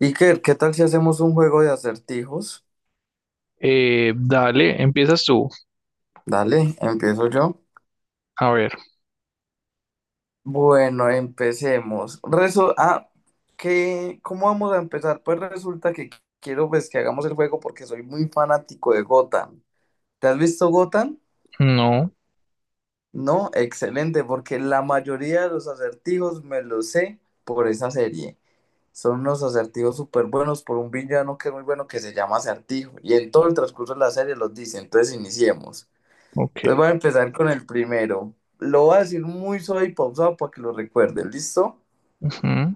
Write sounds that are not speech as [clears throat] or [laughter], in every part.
Iker, ¿qué tal si hacemos un juego de acertijos? Dale, empiezas tú. Dale, empiezo yo. A ver, Bueno, empecemos. ¿Qué, cómo vamos a empezar? Pues resulta que quiero pues, que hagamos el juego porque soy muy fanático de Gotham. ¿Te has visto Gotham? no, No, excelente, porque la mayoría de los acertijos me los sé por esa serie. Son unos acertijos súper buenos por un villano que es muy bueno que se llama Acertijo. Y en todo el transcurso de la serie los dice. Entonces iniciemos. ok. Entonces voy a empezar con el primero. Lo voy a decir muy suave y pausado para que lo recuerden, ¿listo? Ujú.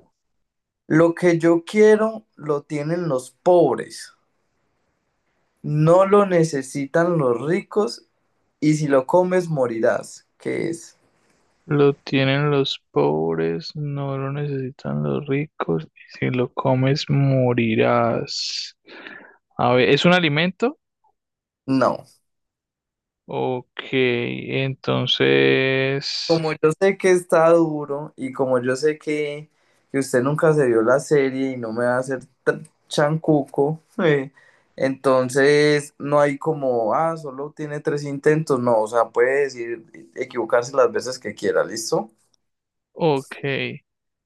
Lo que yo quiero lo tienen los pobres, no lo necesitan los ricos y si lo comes morirás. ¿Qué es? Lo tienen los pobres, no lo necesitan los ricos, y si lo comes morirás. A ver, ¿es un alimento? No. Ok, entonces, Como yo sé que está duro y como yo sé que usted nunca se vio la serie y no me va a hacer tan chancuco, [laughs] entonces no hay como, solo tiene tres intentos, no, o sea, puede decir, equivocarse las veces que quiera, ¿listo? ok.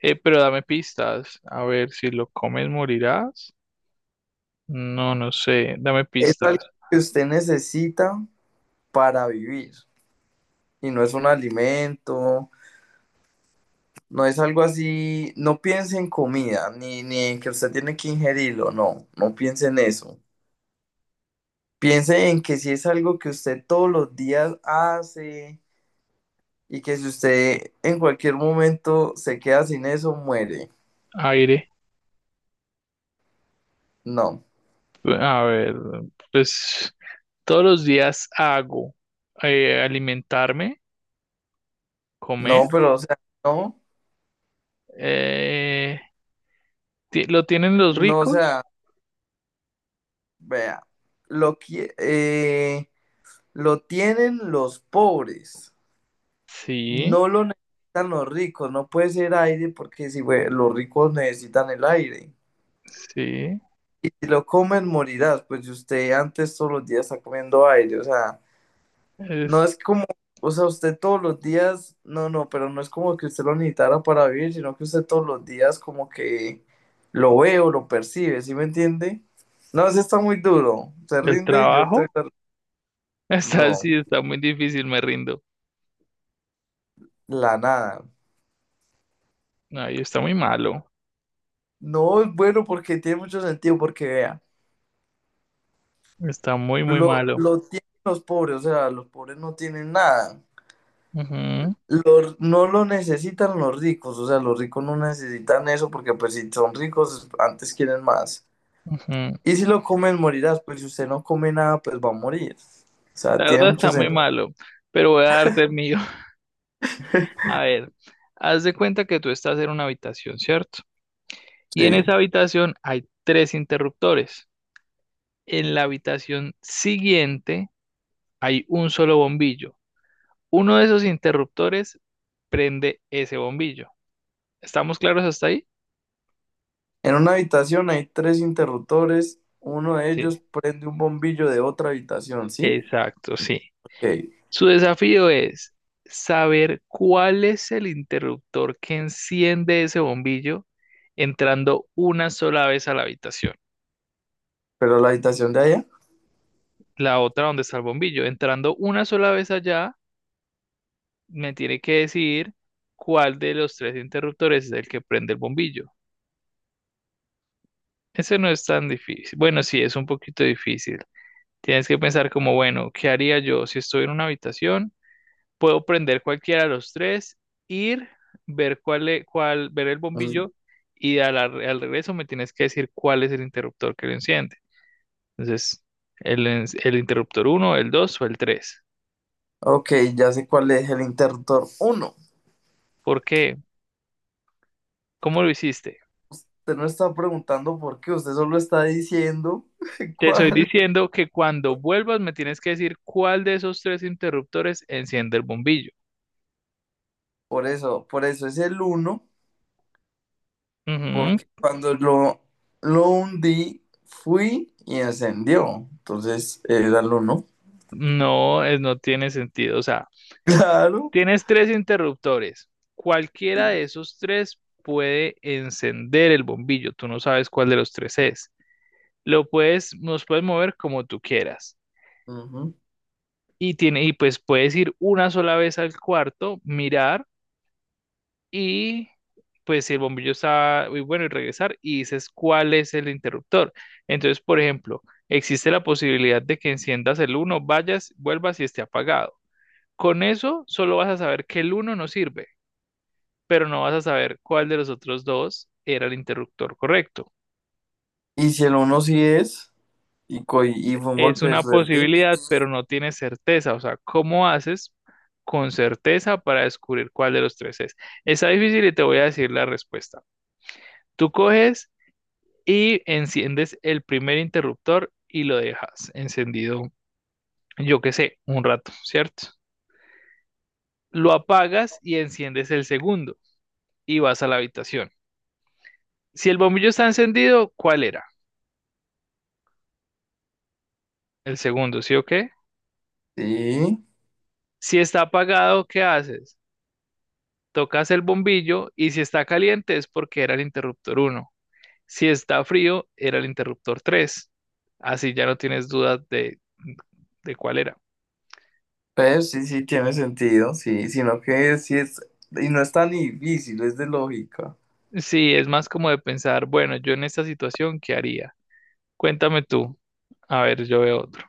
Pero dame pistas. A ver, si lo comes morirás. No, no sé. Dame Es algo pistas. que usted necesita para vivir y no es un alimento, no es algo así, no piense en comida, ni en que usted tiene que ingerirlo, no, no piense en eso. Piense en que si es algo que usted todos los días hace y que si usted en cualquier momento se queda sin eso, muere. Aire. No, A ver, pues todos los días hago alimentarme, comer. no, pero o sea, no, Eh, ¿Lo tienen los no, o ricos? sea, vea, lo, qui- eh, lo tienen los pobres, Sí, no lo necesitan los ricos, no puede ser aire porque si güey, los ricos necesitan el aire. sí. Y si lo comen, morirás, pues si usted antes todos los días está comiendo aire, o sea. No Es es como, o sea, usted todos los días, no, no, pero no es como que usted lo necesitara para vivir, sino que usted todos los días como que lo ve o lo percibe, ¿sí me entiende? No, eso está muy duro. Se el rinde y yo te... trabajo. [laughs] Está así, No, está muy difícil, me rindo. la nada. Ay, está muy malo. No es bueno porque tiene mucho sentido, porque vea, Está muy, muy lo, malo. lo tienen los pobres, o sea, los pobres no tienen nada. Ujú, Los- no lo necesitan los ricos, o sea, los ricos no necesitan eso porque pues si son ricos, antes quieren más. ujú. Y si lo comes, morirás. Pues si usted no come nada, pues va a morir. O sea, La tiene verdad mucho está muy sentido. malo, pero voy a darte el mío. [laughs] A ver, haz de cuenta que tú estás en una habitación, ¿cierto? Y en Sí. esa habitación hay tres interruptores. En la habitación siguiente hay un solo bombillo. Uno de esos interruptores prende ese bombillo. ¿Estamos claros hasta ahí? En una habitación hay tres interruptores. Uno de Sí, ellos prende un bombillo de otra habitación, ¿sí? exacto, sí. Ok. Su desafío es saber cuál es el interruptor que enciende ese bombillo entrando una sola vez a la habitación, Pero la habitación de allá. la otra donde está el bombillo. Entrando una sola vez allá, me tiene que decir cuál de los tres interruptores es el que prende el bombillo. Ese no es tan difícil. Bueno, sí, es un poquito difícil. Tienes que pensar como, bueno, ¿qué haría yo si estoy en una habitación? Puedo prender cualquiera de los tres, ir, ver cuál, cuál, ver el Mm. bombillo y al regreso me tienes que decir cuál es el interruptor que lo enciende. Entonces, el interruptor uno, el 2 o el tres. Ok, ya sé cuál es el interruptor uno. ¿Por qué? ¿Cómo lo hiciste? Usted no está preguntando por qué, usted solo está diciendo [laughs] Te estoy cuál. diciendo que cuando vuelvas me tienes que decir cuál de esos tres interruptores enciende el bombillo. Por eso es el uno. Ujú. Porque cuando lo hundí, fui y ascendió. Entonces era el uno. [laughs] No, es, no tiene sentido. O sea, Claro. tienes tres interruptores. Cualquiera y de esos tres puede encender el bombillo. Tú no sabes cuál de los tres es. Lo puedes, los puedes mover como tú quieras. Ujú. Y tiene, y pues puedes ir una sola vez al cuarto, mirar y pues si el bombillo está muy bueno y regresar y dices cuál es el interruptor. Entonces, por ejemplo, existe la posibilidad de que enciendas el uno, vayas, vuelvas y esté apagado. Con eso solo vas a saber que el uno no sirve, pero no vas a saber cuál de los otros dos era el interruptor correcto. Y si el uno sí es, y fue un Es golpe de una suerte. posibilidad, pero no tienes certeza. O sea, ¿cómo haces con certeza para descubrir cuál de los tres es? Está difícil y te voy a decir la respuesta. Tú coges y enciendes el primer interruptor y lo dejas encendido, yo qué sé, un rato, ¿cierto? Lo apagas y enciendes el segundo y vas a la habitación. Si el bombillo está encendido, ¿cuál era? El segundo, ¿sí o qué? Sí. Si está apagado, ¿qué haces? Tocas el bombillo y si está caliente es porque era el interruptor uno. Si está frío, era el interruptor 3. Así ya no tienes dudas de cuál era. Pero sí, sí, tiene sentido. Sí, sino que sí es. Y no es tan difícil, es de lógica. Sí, es más como de pensar, bueno, yo en esta situación, ¿qué haría? Cuéntame tú. A ver, yo veo otro.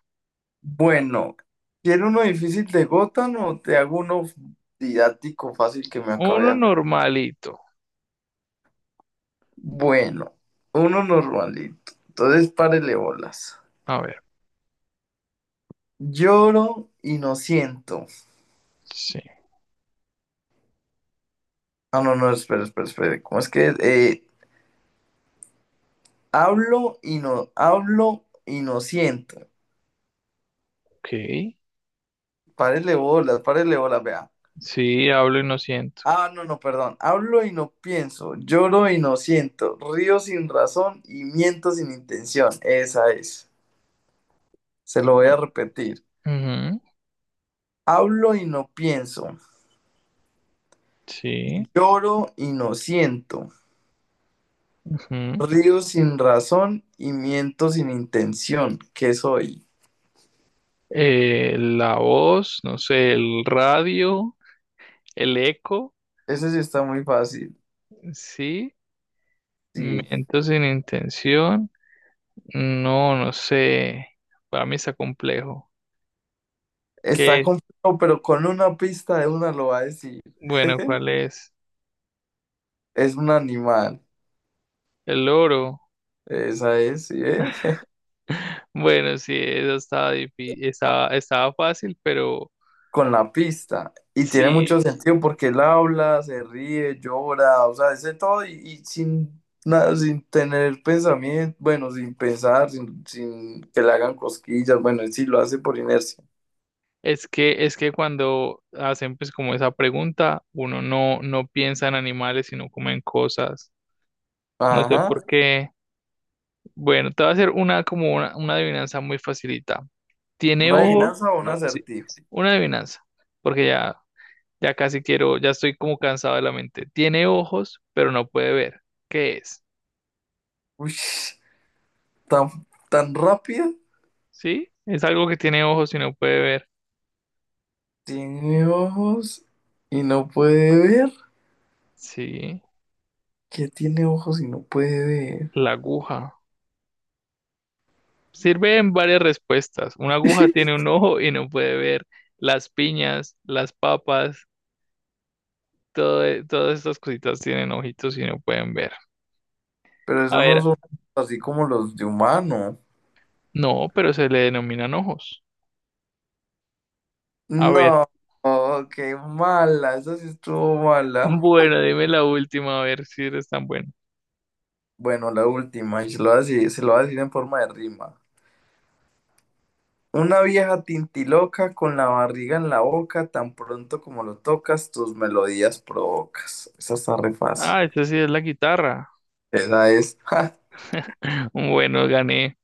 Bueno, quiero uno difícil de Gotham o te hago uno didáctico fácil que me acabe Uno de. normalito. Bueno, uno normalito. Entonces, párele bolas. A ver, Lloro y no siento. sí, Ah, no, no, espera, espera, espera. ¿Cómo es que es? Hablo y no siento. ok. Párele bolas, vea. Sí, hablo y no siento. Ah, no, no, perdón. Hablo y no pienso, lloro y no siento, río sin razón y miento sin intención. Esa es. Se lo voy a repetir. Ujú, Hablo y no pienso, sí. lloro y no siento, Ujú. río sin razón y miento sin intención. ¿Qué soy? La voz, no sé, el radio. El eco, Ese sí está muy fácil. sí. Sí. Miento sin intención. No, no sé. Para mí está complejo. Está ¿Qué? complejo, pero con una pista de una lo va a decir. Bueno, ¿cuál es? Es un animal. El oro. Esa es, ¿sí? ¿Eh? Bueno, sí, eso estaba estaba, estaba fácil, pero Con la pista. Y tiene sí, mucho sentido porque él habla, se ríe, llora, o sea, dice todo y sin nada, sin tener pensamiento, bueno, sin pensar, sin que le hagan cosquillas, bueno, y sí lo hace por inercia. Es que cuando hacen pues como esa pregunta, uno no, no piensa en animales, sino como en cosas. No sé Ajá. por qué. Bueno, te voy a hacer una como una adivinanza muy facilita. Tiene Una ojo. adivinanza o un Sí, acertijo. una adivinanza. Porque ya, ya casi quiero, ya estoy como cansado de la mente. Tiene ojos, pero no puede ver. ¿Qué es? Uy, tan, tan rápida. ¿Sí? Es algo que tiene ojos y no puede ver. Tiene ojos y no puede ver. Sí, Que tiene ojos y no puede ver. la aguja. Sirve en varias respuestas. Una aguja [laughs] tiene un ojo y no puede ver. Las piñas, las papas, todo, todas estas cositas tienen ojitos y no pueden ver. Pero A eso no ver, son así como los de humano. no, pero se le denominan ojos. A ver, No, oh, qué mala, esa sí estuvo [laughs] mala. bueno, dime la última, a ver si eres tan bueno. Bueno, la última, y se lo voy a decir, se lo voy a decir en forma de rima. Una vieja tintiloca con la barriga en la boca, tan pronto como lo tocas, tus melodías provocas. Esa está re fácil. Ah, esta sí es la guitarra. Esa es. [laughs] [clears throat] [laughs] Bueno, gané.